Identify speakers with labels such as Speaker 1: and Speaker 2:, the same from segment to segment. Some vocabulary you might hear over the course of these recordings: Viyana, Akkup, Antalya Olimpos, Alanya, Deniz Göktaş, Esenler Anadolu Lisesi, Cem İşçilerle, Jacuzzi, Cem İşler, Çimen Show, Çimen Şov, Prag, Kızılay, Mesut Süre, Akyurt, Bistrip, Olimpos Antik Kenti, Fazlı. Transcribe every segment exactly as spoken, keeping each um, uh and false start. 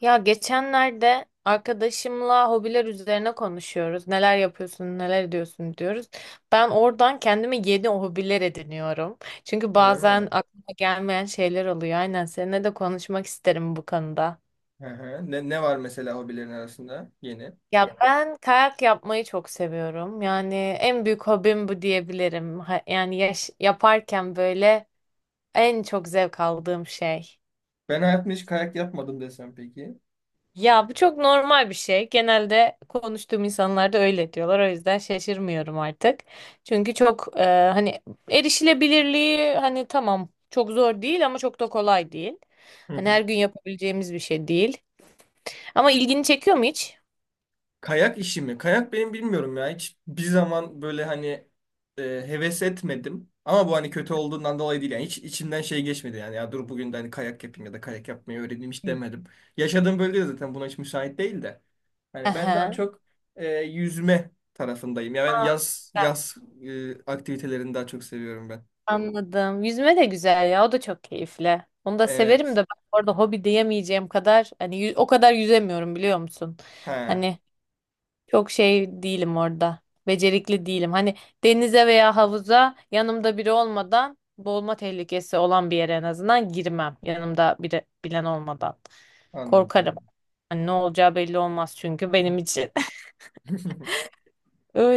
Speaker 1: Ya geçenlerde arkadaşımla hobiler üzerine konuşuyoruz. Neler yapıyorsun, neler ediyorsun diyoruz. Ben oradan kendime yeni hobiler ediniyorum. Çünkü
Speaker 2: Öyle
Speaker 1: bazen
Speaker 2: mi?
Speaker 1: aklıma gelmeyen şeyler oluyor. Aynen seninle de konuşmak isterim bu konuda.
Speaker 2: Hı hı. Ne, ne var mesela hobilerin arasında yeni?
Speaker 1: Ya ben kayak yapmayı çok seviyorum. Yani en büyük hobim bu diyebilirim. Ha- Yani yaş- yaparken böyle en çok zevk aldığım şey.
Speaker 2: Ben hayatımda hiç kayak yapmadım desem peki.
Speaker 1: Ya bu çok normal bir şey. Genelde konuştuğum insanlar da öyle diyorlar. O yüzden şaşırmıyorum artık. Çünkü çok e, hani erişilebilirliği hani tamam çok zor değil ama çok da kolay değil.
Speaker 2: Hı
Speaker 1: Hani
Speaker 2: hı.
Speaker 1: her gün yapabileceğimiz bir şey değil. Ama ilgini çekiyor mu hiç?
Speaker 2: Kayak işi mi? Kayak benim bilmiyorum ya. Hiç bir zaman böyle hani e, heves etmedim. Ama bu hani kötü olduğundan dolayı değil. Yani hiç içimden şey geçmedi. Yani ya dur bugün de hani kayak yapayım ya da kayak yapmayı öğreneyim hiç
Speaker 1: Hı.
Speaker 2: demedim. Yaşadığım bölge de zaten buna hiç müsait değil de. Hani ben daha
Speaker 1: Aha.
Speaker 2: çok e, yüzme tarafındayım. Ya ben
Speaker 1: Aa,
Speaker 2: yaz yaz e, aktivitelerini daha çok seviyorum ben.
Speaker 1: anladım. Yüzme de güzel ya. O da çok keyifli. Onu da severim de
Speaker 2: Evet.
Speaker 1: ben orada hobi diyemeyeceğim kadar hani yü- o kadar yüzemiyorum biliyor musun?
Speaker 2: He.
Speaker 1: Hani çok şey değilim orada. Becerikli değilim. Hani denize veya havuza yanımda biri olmadan boğulma tehlikesi olan bir yere en azından girmem. Yanımda biri bilen olmadan. Korkarım.
Speaker 2: Anladım.
Speaker 1: Hani ne olacağı belli olmaz çünkü benim için.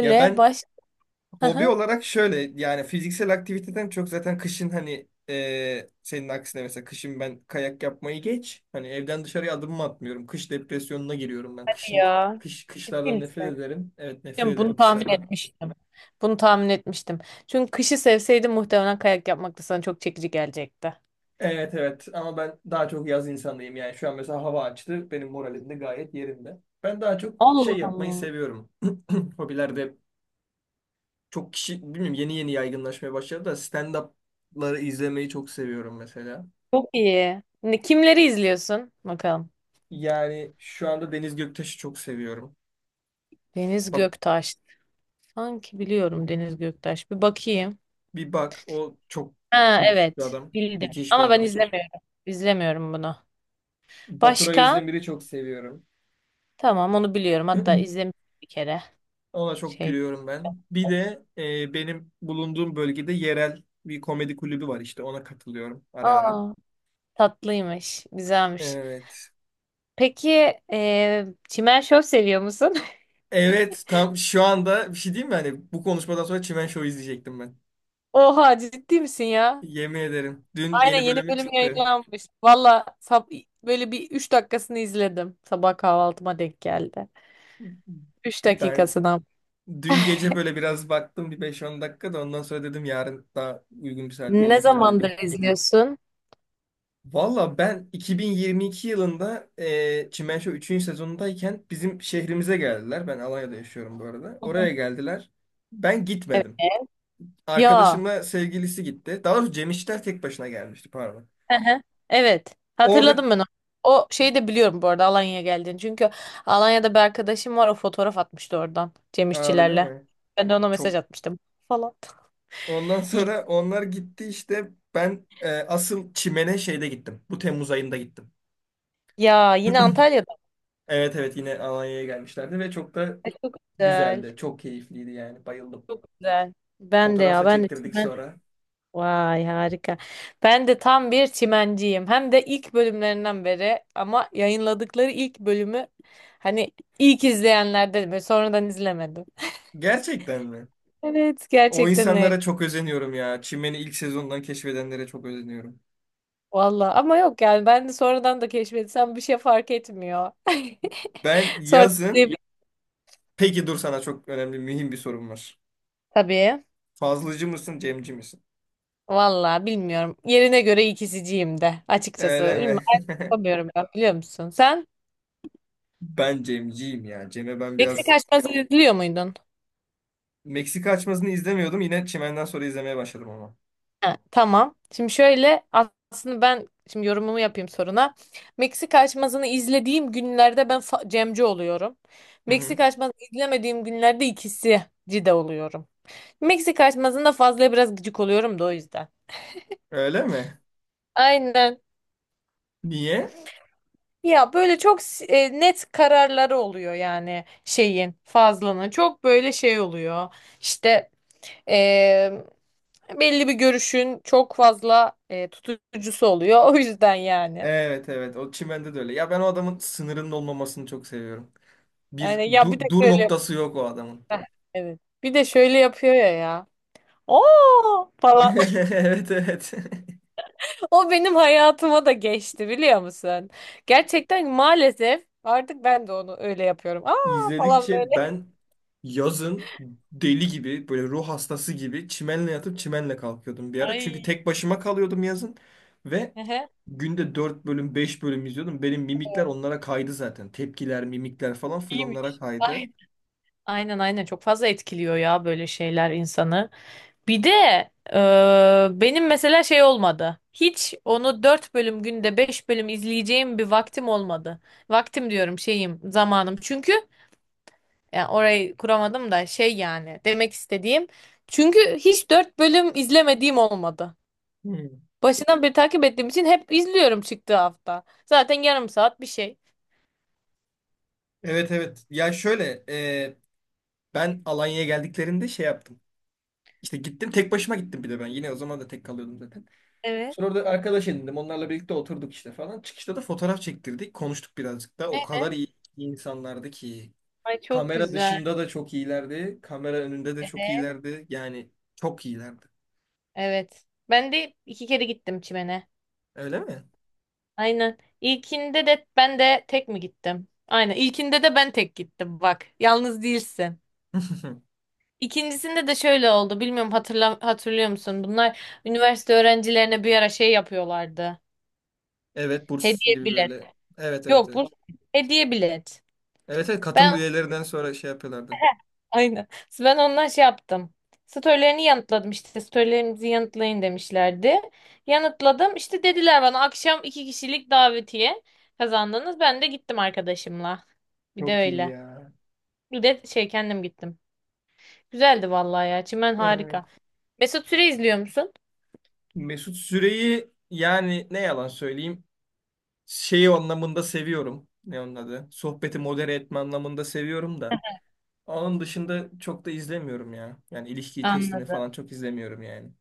Speaker 2: Ya ben
Speaker 1: baş... Hı
Speaker 2: hobi
Speaker 1: hı.
Speaker 2: olarak şöyle yani fiziksel aktiviteden çok zaten kışın hani e, senin aksine mesela kışın ben kayak yapmayı geç. Hani evden dışarıya adımımı atmıyorum. Kış depresyonuna giriyorum ben. Kışın
Speaker 1: Ya.
Speaker 2: kış
Speaker 1: Ciddi
Speaker 2: kışlardan nefret
Speaker 1: misin?
Speaker 2: ederim. Evet nefret
Speaker 1: Yani
Speaker 2: ederim
Speaker 1: bunu tahmin
Speaker 2: kışlardan.
Speaker 1: etmiştim. Bunu tahmin etmiştim. Çünkü kışı sevseydim muhtemelen kayak yapmak da sana çok çekici gelecekti.
Speaker 2: Evet evet ama ben daha çok yaz insanıyım yani şu an mesela hava açtı benim moralim de gayet yerinde. Ben daha çok
Speaker 1: Allah
Speaker 2: şey yapmayı
Speaker 1: Allah.
Speaker 2: seviyorum. Hobilerde çok kişi bilmiyorum yeni yeni yaygınlaşmaya başladı da stand-up'ları izlemeyi çok seviyorum mesela.
Speaker 1: Çok iyi. Ne, kimleri izliyorsun? Bakalım.
Speaker 2: Yani şu anda Deniz Göktaş'ı çok seviyorum.
Speaker 1: Deniz
Speaker 2: Bak
Speaker 1: Göktaş. Sanki biliyorum Deniz Göktaş. Bir bakayım.
Speaker 2: bir bak o çok
Speaker 1: Ha,
Speaker 2: müthiş bir
Speaker 1: evet.
Speaker 2: adam.
Speaker 1: Bildim.
Speaker 2: Müthiş bir
Speaker 1: Ama ben
Speaker 2: adam.
Speaker 1: izlemiyorum. İzlemiyorum bunu.
Speaker 2: Baturay
Speaker 1: Başka?
Speaker 2: Özdemir'i çok seviyorum.
Speaker 1: Tamam, onu biliyorum. Hatta izlemiştim bir kere.
Speaker 2: Ona çok
Speaker 1: Şey.
Speaker 2: gülüyorum ben. Bir de e, benim bulunduğum bölgede yerel bir komedi kulübü var işte ona katılıyorum ara ara.
Speaker 1: Aa, tatlıymış. Güzelmiş.
Speaker 2: Evet.
Speaker 1: Peki e, Çimen Şov seviyor musun?
Speaker 2: Evet tam şu anda bir şey diyeyim mi? Hani bu konuşmadan sonra Çimen Show izleyecektim ben.
Speaker 1: Oha, ciddi misin ya?
Speaker 2: Yemin ederim. Dün
Speaker 1: Aynen
Speaker 2: yeni
Speaker 1: yeni
Speaker 2: bölümü
Speaker 1: bölüm
Speaker 2: çıktı.
Speaker 1: yayınlanmış. Valla sab- böyle bir üç dakikasını izledim. Sabah kahvaltıma denk geldi. Üç
Speaker 2: Ben
Speaker 1: dakikasına.
Speaker 2: dün gece böyle biraz baktım bir beş on dakika da ondan sonra dedim yarın daha uygun bir saatte
Speaker 1: Ne
Speaker 2: izleyeyim
Speaker 1: zamandır
Speaker 2: dedim.
Speaker 1: izliyorsun?
Speaker 2: Valla ben iki bin yirmi iki yılında e, Çimen Show üçüncü sezonundayken bizim şehrimize geldiler. Ben Alanya'da yaşıyorum bu arada.
Speaker 1: Hı
Speaker 2: Oraya
Speaker 1: hı.
Speaker 2: geldiler. Ben
Speaker 1: Evet.
Speaker 2: gitmedim.
Speaker 1: Ya.
Speaker 2: Arkadaşımla sevgilisi gitti. Daha doğrusu Cem İşler tek başına gelmişti pardon.
Speaker 1: Hı hı. Evet.
Speaker 2: Orada.
Speaker 1: Hatırladım ben onu. O şeyi de biliyorum bu arada, Alanya'ya geldiğini. Çünkü Alanya'da bir arkadaşım var. O fotoğraf atmıştı oradan. Cem
Speaker 2: Aa, öyle
Speaker 1: İşçilerle.
Speaker 2: mi?
Speaker 1: Ben de ona
Speaker 2: Çok.
Speaker 1: mesaj atmıştım. Falan.
Speaker 2: Ondan
Speaker 1: İlgi-
Speaker 2: sonra onlar gitti işte. Ben e, asıl Çimen'e şeyde gittim. Bu Temmuz ayında gittim.
Speaker 1: Ya yine Antalya'da
Speaker 2: Evet evet yine Alanya'ya gelmişlerdi ve çok da
Speaker 1: güzel.
Speaker 2: güzeldi. Çok keyifliydi yani. Bayıldım.
Speaker 1: Çok güzel. Ben de
Speaker 2: Fotoğraf
Speaker 1: ya
Speaker 2: da
Speaker 1: ben de
Speaker 2: çektirdik
Speaker 1: çimen.
Speaker 2: sonra.
Speaker 1: Vay, harika. Ben de tam bir çimenciyim. Hem de ilk bölümlerinden beri, ama yayınladıkları ilk bölümü hani ilk izleyenlerdenim. Sonradan izlemedim.
Speaker 2: Gerçekten mi?
Speaker 1: Evet,
Speaker 2: O
Speaker 1: gerçekten öyle.
Speaker 2: insanlara çok özeniyorum ya. Çimen'i ilk sezondan keşfedenlere çok özeniyorum.
Speaker 1: Valla ama yok yani ben de sonradan da keşfetsem bir şey fark etmiyor.
Speaker 2: Ben
Speaker 1: Sonra
Speaker 2: yazın...
Speaker 1: tabii.
Speaker 2: Peki dur sana çok önemli, mühim bir sorum var.
Speaker 1: Tabii.
Speaker 2: Fazlıcı mısın, Cemci misin?
Speaker 1: Valla bilmiyorum. Yerine göre ikisiciyim de açıkçası.
Speaker 2: Öyle
Speaker 1: Bilmiyorum.
Speaker 2: mi?
Speaker 1: Ayrım yapamıyorum ben, biliyor musun? Sen
Speaker 2: Ben Cemciyim ya. Cem'e ben
Speaker 1: Meksika
Speaker 2: biraz.
Speaker 1: açması izliyor muydun?
Speaker 2: Meksika açmasını izlemiyordum. Yine Çimen'den sonra izlemeye başladım ama.
Speaker 1: Ha, tamam. Şimdi şöyle, aslında ben şimdi yorumumu yapayım soruna. Meksika açmasını izlediğim günlerde ben fa- Cemci oluyorum.
Speaker 2: Hı hı.
Speaker 1: Meksika açmasını izlemediğim günlerde ikisici de oluyorum. Meksika açmasında fazla biraz gıcık oluyorum da o yüzden.
Speaker 2: Öyle mi?
Speaker 1: Aynen.
Speaker 2: Niye?
Speaker 1: Ya böyle çok s- e, net kararları oluyor yani şeyin Fazlının çok böyle şey oluyor işte e, belli bir görüşün çok fazla e, tutucusu oluyor o yüzden yani.
Speaker 2: Evet evet o çimende de öyle. Ya ben o adamın sınırının olmamasını çok seviyorum. Bir
Speaker 1: Aynen ya, bir de
Speaker 2: du- dur
Speaker 1: şöyle yap-
Speaker 2: noktası yok o adamın.
Speaker 1: heh, evet bir de şöyle yapıyor ya ya. Oo falan.
Speaker 2: Evet evet.
Speaker 1: O benim hayatıma da geçti, biliyor musun? Gerçekten maalesef artık ben de onu öyle yapıyorum. Aa falan böyle.
Speaker 2: İzledikçe ben yazın deli gibi böyle ruh hastası gibi çimenle yatıp çimenle kalkıyordum bir ara. Çünkü
Speaker 1: Ay.
Speaker 2: tek başıma kalıyordum yazın ve
Speaker 1: Ehe,
Speaker 2: günde dört bölüm beş bölüm izliyordum. Benim mimikler onlara kaydı zaten. Tepkiler, mimikler falan full onlara
Speaker 1: iyiymiş.
Speaker 2: kaydı.
Speaker 1: Ay. Aynen aynen çok fazla etkiliyor ya böyle şeyler insanı. Bir de e, benim mesela şey olmadı. Hiç onu dört bölüm günde beş bölüm izleyeceğim bir vaktim olmadı. Vaktim diyorum, şeyim zamanım. Çünkü yani orayı kuramadım da şey, yani demek istediğim. Çünkü hiç dört bölüm izlemediğim olmadı.
Speaker 2: Hmm.
Speaker 1: Başından beri takip ettiğim için hep izliyorum çıktığı hafta. Zaten yarım saat bir şey.
Speaker 2: Evet evet. Ya şöyle, e, ben Alanya'ya geldiklerinde şey yaptım. İşte gittim tek başıma gittim bir de ben. Yine o zaman da tek kalıyordum zaten.
Speaker 1: Evet.
Speaker 2: Sonra orada arkadaş edindim. Onlarla birlikte oturduk işte falan. Çıkışta da fotoğraf çektirdik. Konuştuk birazcık da. O
Speaker 1: Evet,
Speaker 2: kadar iyi insanlardı ki.
Speaker 1: Ay, çok
Speaker 2: Kamera
Speaker 1: güzel.
Speaker 2: dışında da çok iyilerdi. Kamera önünde de çok iyilerdi. Yani çok iyilerdi.
Speaker 1: Evet. Ben de iki kere gittim çimene.
Speaker 2: Öyle mi?
Speaker 1: Aynen. İlkinde de ben de tek mi gittim? Aynen. İlkinde de ben tek gittim bak. Yalnız değilsin. İkincisinde de şöyle oldu. Bilmiyorum, hatırla, hatırlıyor musun? Bunlar üniversite öğrencilerine bir ara şey yapıyorlardı.
Speaker 2: Evet burs
Speaker 1: Hediye
Speaker 2: gibi
Speaker 1: bilet.
Speaker 2: böyle. Evet evet
Speaker 1: Yok, bu
Speaker 2: evet.
Speaker 1: hediye bilet.
Speaker 2: Evet evet katıl
Speaker 1: Ben
Speaker 2: üyelerinden sonra şey yapıyorlardı.
Speaker 1: aynen. Ben ondan şey yaptım. Storylerini yanıtladım işte. Storylerinizi yanıtlayın demişlerdi. Yanıtladım. İşte dediler bana akşam iki kişilik davetiye kazandınız. Ben de gittim arkadaşımla. Bir de
Speaker 2: Çok iyi
Speaker 1: öyle.
Speaker 2: ya.
Speaker 1: Bir de şey kendim gittim. Güzeldi vallahi ya. Çimen
Speaker 2: Evet.
Speaker 1: harika. Mesut Süre izliyor musun?
Speaker 2: Mesut Süre'yi yani ne yalan söyleyeyim şeyi anlamında seviyorum. Ne onun adı? Sohbeti modere etme anlamında seviyorum da. Onun dışında çok da izlemiyorum ya. Yani ilişki testini
Speaker 1: Anladım,
Speaker 2: falan çok izlemiyorum yani.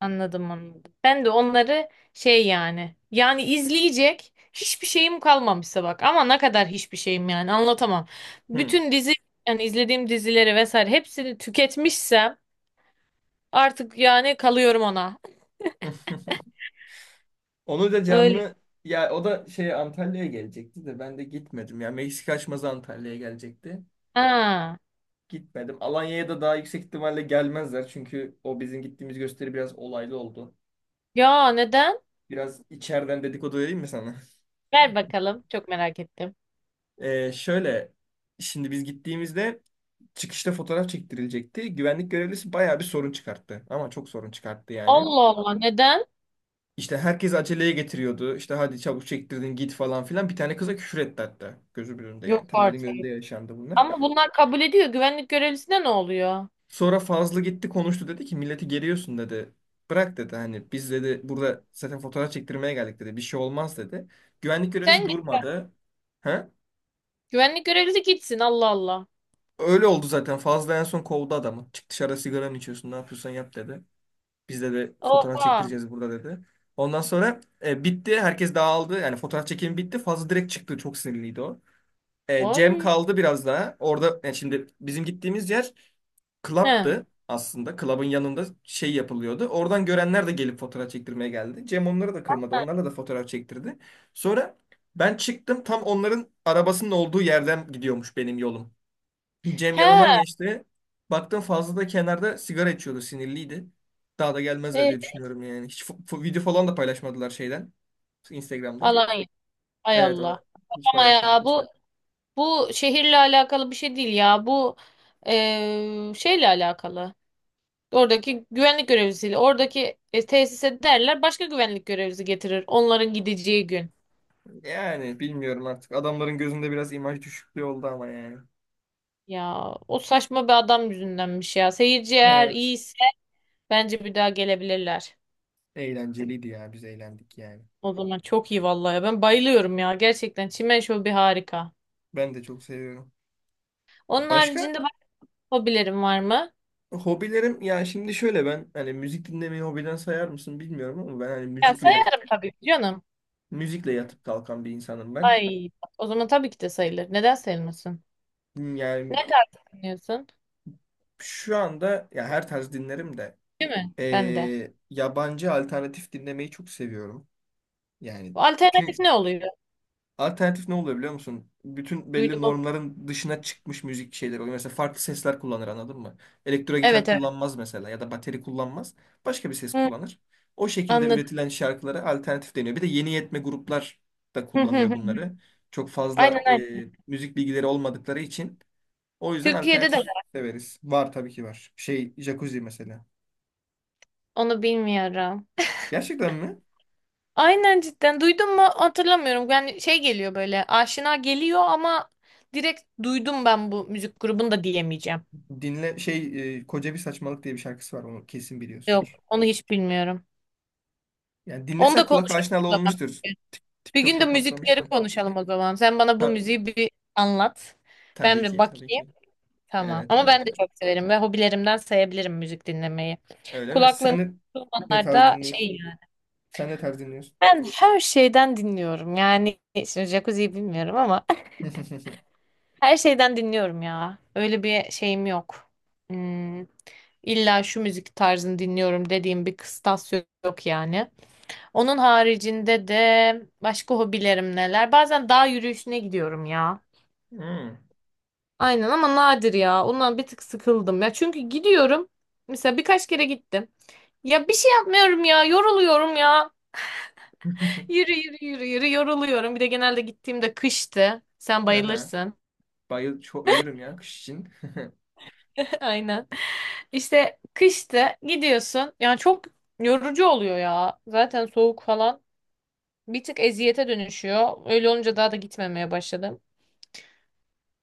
Speaker 1: anladım, anladım. Ben de onları şey yani. Yani izleyecek hiçbir şeyim kalmamışsa bak. Ama ne kadar hiçbir şeyim, yani anlatamam.
Speaker 2: Hı.
Speaker 1: Bütün dizi yani izlediğim dizileri vesaire hepsini tüketmişsem artık yani kalıyorum ona.
Speaker 2: Onu da
Speaker 1: Öyle.
Speaker 2: canlı ya o da şey Antalya'ya gelecekti de ben de gitmedim. Ya Meksika açmazı Antalya'ya gelecekti.
Speaker 1: Ha.
Speaker 2: Gitmedim. Alanya'ya da daha yüksek ihtimalle gelmezler. Çünkü o bizim gittiğimiz gösteri biraz olaylı oldu.
Speaker 1: Ya neden?
Speaker 2: Biraz içeriden dedikodu vereyim mi sana?
Speaker 1: Ver bakalım. Çok merak ettim.
Speaker 2: Ee, şöyle şimdi biz gittiğimizde çıkışta fotoğraf çektirilecekti. Güvenlik görevlisi bayağı bir sorun çıkarttı. Ama çok sorun çıkarttı yani.
Speaker 1: Allah Allah, neden?
Speaker 2: İşte herkes aceleye getiriyordu. İşte hadi çabuk çektirdin git falan filan. Bir tane kıza küfür etti hatta. Gözümün önünde yani.
Speaker 1: Yok
Speaker 2: Tam benim
Speaker 1: artık.
Speaker 2: önümde yaşandı bunlar.
Speaker 1: Ama bunlar kabul ediyor. Güvenlik görevlisine ne oluyor?
Speaker 2: Sonra Fazlı gitti konuştu dedi ki milleti geriyorsun dedi. Bırak dedi hani biz dedi burada zaten fotoğraf çektirmeye geldik dedi. Bir şey olmaz dedi. Güvenlik
Speaker 1: Sen
Speaker 2: görevlisi
Speaker 1: git. Ya.
Speaker 2: durmadı. He?
Speaker 1: Güvenlik görevlisi gitsin. Allah Allah.
Speaker 2: Öyle oldu zaten. Fazla en son kovdu adamı. Çık dışarı sigaranı içiyorsun ne yapıyorsan yap dedi. Bizde de fotoğraf
Speaker 1: Oha.
Speaker 2: çektireceğiz burada dedi. Ondan sonra e, bitti. Herkes dağıldı. Yani fotoğraf çekimi bitti. Fazla direkt çıktı. Çok sinirliydi o. E, Cem
Speaker 1: Oy.
Speaker 2: kaldı biraz daha. Orada yani şimdi bizim gittiğimiz yer
Speaker 1: He.
Speaker 2: club'tı aslında. Club'ın yanında şey yapılıyordu. Oradan görenler de gelip fotoğraf çektirmeye geldi. Cem onları da kırmadı. Onlarla da fotoğraf çektirdi. Sonra ben çıktım. Tam onların arabasının olduğu yerden gidiyormuş benim yolum. Cem
Speaker 1: He.
Speaker 2: yanından geçti. Baktım fazla da kenarda sigara içiyordu, sinirliydi. Daha da gelmezler
Speaker 1: E,
Speaker 2: diye düşünüyorum yani. Hiç fo- fo- video falan da paylaşmadılar şeyden, Instagram'dan.
Speaker 1: Alanya. Ay
Speaker 2: Evet, o
Speaker 1: Allah.
Speaker 2: hiç
Speaker 1: Ama ya
Speaker 2: paylaşmadılar.
Speaker 1: bu bu şehirle alakalı bir şey değil ya. Bu e, şeyle alakalı. Oradaki güvenlik görevlisiyle. Oradaki e, tesise derler. Başka güvenlik görevlisi getirir. Onların gideceği gün.
Speaker 2: Yani bilmiyorum artık. Adamların gözünde biraz imaj düşüklüğü oldu ama yani.
Speaker 1: Ya o saçma bir adam yüzündenmiş ya. Seyirci eğer
Speaker 2: Evet,
Speaker 1: iyiyse bence bir daha gelebilirler.
Speaker 2: eğlenceliydi ya. Biz eğlendik yani.
Speaker 1: O zaman çok iyi vallahi. Ben bayılıyorum ya. Gerçekten çimen şovu bir harika.
Speaker 2: Ben de çok seviyorum.
Speaker 1: Onun
Speaker 2: Başka
Speaker 1: haricinde başka hobilerim var mı?
Speaker 2: hobilerim ya şimdi şöyle ben hani müzik dinlemeyi hobiden sayar mısın bilmiyorum ama ben hani
Speaker 1: Ya
Speaker 2: müzikle yatıp
Speaker 1: sayarım tabii ki canım.
Speaker 2: müzikle yatıp kalkan bir insanım ben.
Speaker 1: Ay, o zaman tabii ki de sayılır. Neden sayılmasın?
Speaker 2: Hmm,
Speaker 1: Ne
Speaker 2: yani
Speaker 1: tarz dinliyorsun?
Speaker 2: şu anda ya her tarz dinlerim de
Speaker 1: Değil mi? Ben de.
Speaker 2: eee, yabancı alternatif dinlemeyi çok seviyorum. Yani
Speaker 1: Bu alternatif
Speaker 2: çünkü
Speaker 1: ne oluyor?
Speaker 2: alternatif ne oluyor biliyor musun? Bütün belli
Speaker 1: Duydum ama.
Speaker 2: normların dışına çıkmış müzik şeyleri oluyor. Mesela farklı sesler kullanır anladın mı? Elektro gitar
Speaker 1: Evet evet.
Speaker 2: kullanmaz mesela ya da bateri kullanmaz. Başka bir ses
Speaker 1: Hı,
Speaker 2: kullanır. O şekilde
Speaker 1: anladım.
Speaker 2: üretilen şarkılara alternatif deniyor. Bir de yeni yetme gruplar da
Speaker 1: Hı, hı,
Speaker 2: kullanıyor
Speaker 1: hı.
Speaker 2: bunları. Çok
Speaker 1: Aynen
Speaker 2: fazla
Speaker 1: aynen.
Speaker 2: eee, müzik bilgileri olmadıkları için. O yüzden
Speaker 1: Türkiye'de de
Speaker 2: alternatif
Speaker 1: var.
Speaker 2: severiz. Var tabii ki var. Şey, Jacuzzi mesela.
Speaker 1: Onu bilmiyorum.
Speaker 2: Gerçekten mi?
Speaker 1: Aynen cidden. Duydum mu hatırlamıyorum. Yani şey geliyor böyle, aşina geliyor ama direkt duydum ben bu müzik grubunu da diyemeyeceğim.
Speaker 2: Dinle şey e, koca bir saçmalık diye bir şarkısı var onu kesin
Speaker 1: Yok,
Speaker 2: biliyorsundur.
Speaker 1: onu hiç bilmiyorum.
Speaker 2: Yani
Speaker 1: Onu
Speaker 2: dinlesen
Speaker 1: da
Speaker 2: kulak
Speaker 1: konuşalım
Speaker 2: aşinalı
Speaker 1: o zaman.
Speaker 2: olmuştur. Tik-
Speaker 1: Bir gün de
Speaker 2: TikTok'ta
Speaker 1: müzikleri
Speaker 2: patlamıştı.
Speaker 1: konuşalım o zaman. Sen bana bu
Speaker 2: Ta-
Speaker 1: müziği bir anlat. Ben
Speaker 2: tabii
Speaker 1: bir
Speaker 2: ki tabii
Speaker 1: bakayım.
Speaker 2: ki.
Speaker 1: Tamam.
Speaker 2: Evet
Speaker 1: Ama
Speaker 2: evet
Speaker 1: ben de
Speaker 2: evet.
Speaker 1: çok severim ve hobilerimden sayabilirim müzik dinlemeyi.
Speaker 2: Öyle mi? Sen
Speaker 1: Kulaklığım
Speaker 2: ne, ne tarz
Speaker 1: zamanlarda şey
Speaker 2: dinliyorsun?
Speaker 1: yani.
Speaker 2: Sen ne tarz dinliyorsun?
Speaker 1: Ben her şeyden dinliyorum. Yani şimdi jacuzziyi bilmiyorum ama her şeyden dinliyorum ya. Öyle bir şeyim yok. Hmm, illa şu müzik tarzını dinliyorum dediğim bir kıstas yok, yok yani. Onun haricinde de başka hobilerim neler? Bazen dağ yürüyüşüne gidiyorum ya.
Speaker 2: Hmm.
Speaker 1: Aynen ama nadir ya. Ondan bir tık sıkıldım ya. Çünkü gidiyorum. Mesela birkaç kere gittim. Ya bir şey yapmıyorum ya. Yoruluyorum ya. Yürü yürü yürü yürü yoruluyorum. Bir de genelde gittiğimde kıştı. Sen
Speaker 2: Aha.
Speaker 1: bayılırsın.
Speaker 2: Bayıl çok ölürüm ya kış için.
Speaker 1: Aynen. İşte kıştı gidiyorsun. Yani çok yorucu oluyor ya. Zaten soğuk falan. Bir tık eziyete dönüşüyor. Öyle olunca daha da gitmemeye başladım.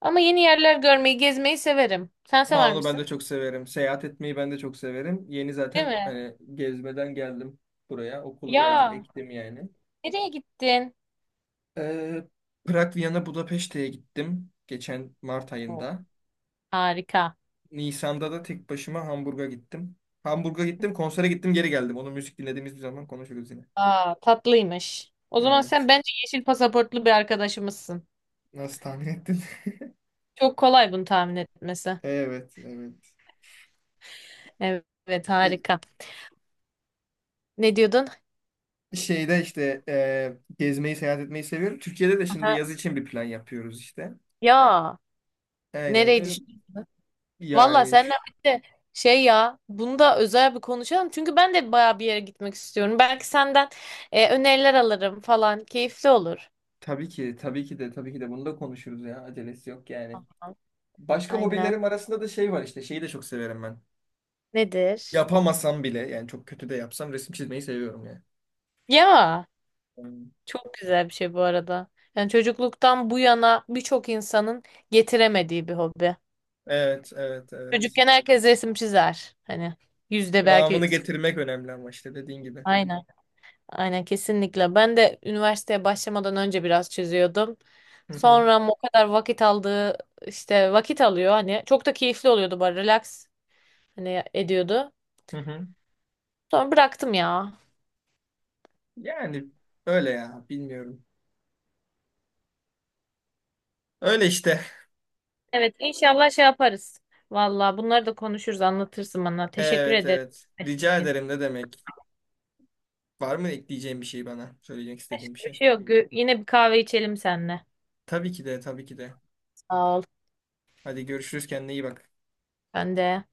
Speaker 1: Ama yeni yerler görmeyi, gezmeyi severim. Sen
Speaker 2: Aa,
Speaker 1: sever
Speaker 2: onu ben de
Speaker 1: misin?
Speaker 2: çok severim. Seyahat etmeyi ben de çok severim. Yeni
Speaker 1: Değil
Speaker 2: zaten
Speaker 1: mi?
Speaker 2: hani gezmeden geldim buraya. Okulu birazcık
Speaker 1: Ya
Speaker 2: ektim yani.
Speaker 1: nereye gittin?
Speaker 2: Ee, Prag, Viyana, Budapeşte'ye gittim geçen Mart
Speaker 1: Oo,
Speaker 2: ayında.
Speaker 1: harika.
Speaker 2: Nisan'da da tek başıma Hamburg'a gittim. Hamburg'a gittim, konsere gittim, geri geldim. Onu müzik dinlediğimiz bir zaman konuşuruz yine.
Speaker 1: Aa, tatlıymış. O zaman
Speaker 2: Evet.
Speaker 1: sen bence yeşil pasaportlu bir arkadaşımızsın.
Speaker 2: Nasıl tahmin ettin?
Speaker 1: Çok kolay bunu tahmin etmesi.
Speaker 2: Evet, evet.
Speaker 1: Evet,
Speaker 2: E,
Speaker 1: harika. Ne diyordun?
Speaker 2: Şeyde işte e, gezmeyi, seyahat etmeyi seviyorum. Türkiye'de de şimdi
Speaker 1: Aha.
Speaker 2: yaz için bir plan yapıyoruz işte.
Speaker 1: Ya
Speaker 2: Aynen
Speaker 1: nereyi
Speaker 2: öyle.
Speaker 1: düşünüyorsun? Valla
Speaker 2: Yani
Speaker 1: seninle
Speaker 2: ş-
Speaker 1: birlikte şey ya, bunu da özel bir konuşalım. Çünkü ben de baya bir yere gitmek istiyorum. Belki senden e, öneriler alırım falan. Keyifli olur.
Speaker 2: tabii ki, tabii ki de, tabii ki de bunu da konuşuruz ya. Acelesi yok yani.
Speaker 1: Aha.
Speaker 2: Başka
Speaker 1: Aynen.
Speaker 2: hobilerim arasında da şey var işte. Şeyi de çok severim ben.
Speaker 1: Nedir?
Speaker 2: Yapamasam bile yani çok kötü de yapsam resim çizmeyi seviyorum yani.
Speaker 1: Ya,
Speaker 2: Hmm.
Speaker 1: çok güzel bir şey bu arada. Yani çocukluktan bu yana birçok insanın getiremediği bir hobi.
Speaker 2: Evet, evet, evet.
Speaker 1: Çocukken herkes resim çizer. Hani yüzde belki
Speaker 2: Devamını
Speaker 1: sıfır.
Speaker 2: getirmek önemli ama işte dediğin gibi.
Speaker 1: Aynen. Aynen kesinlikle. Ben de üniversiteye başlamadan önce biraz çiziyordum.
Speaker 2: Hı hı,
Speaker 1: Sonra ama o kadar vakit aldığı işte vakit alıyor hani çok da keyifli oluyordu bari relax hani ediyordu.
Speaker 2: hı hı.
Speaker 1: Sonra bıraktım ya.
Speaker 2: Yani öyle ya bilmiyorum. Öyle işte.
Speaker 1: Evet inşallah şey yaparız. Valla bunları da konuşuruz, anlatırsın bana. Teşekkür
Speaker 2: Evet,
Speaker 1: ederim.
Speaker 2: evet. Rica ederim ne demek. Var mı ekleyeceğin bir şey bana? Söyleyecek
Speaker 1: Başka
Speaker 2: istediğim bir
Speaker 1: bir
Speaker 2: şey.
Speaker 1: şey yok. Gö- Yine bir kahve içelim seninle.
Speaker 2: Tabii ki de, tabii ki de.
Speaker 1: Sağ ol.
Speaker 2: Hadi görüşürüz kendine iyi bak.
Speaker 1: Ben de.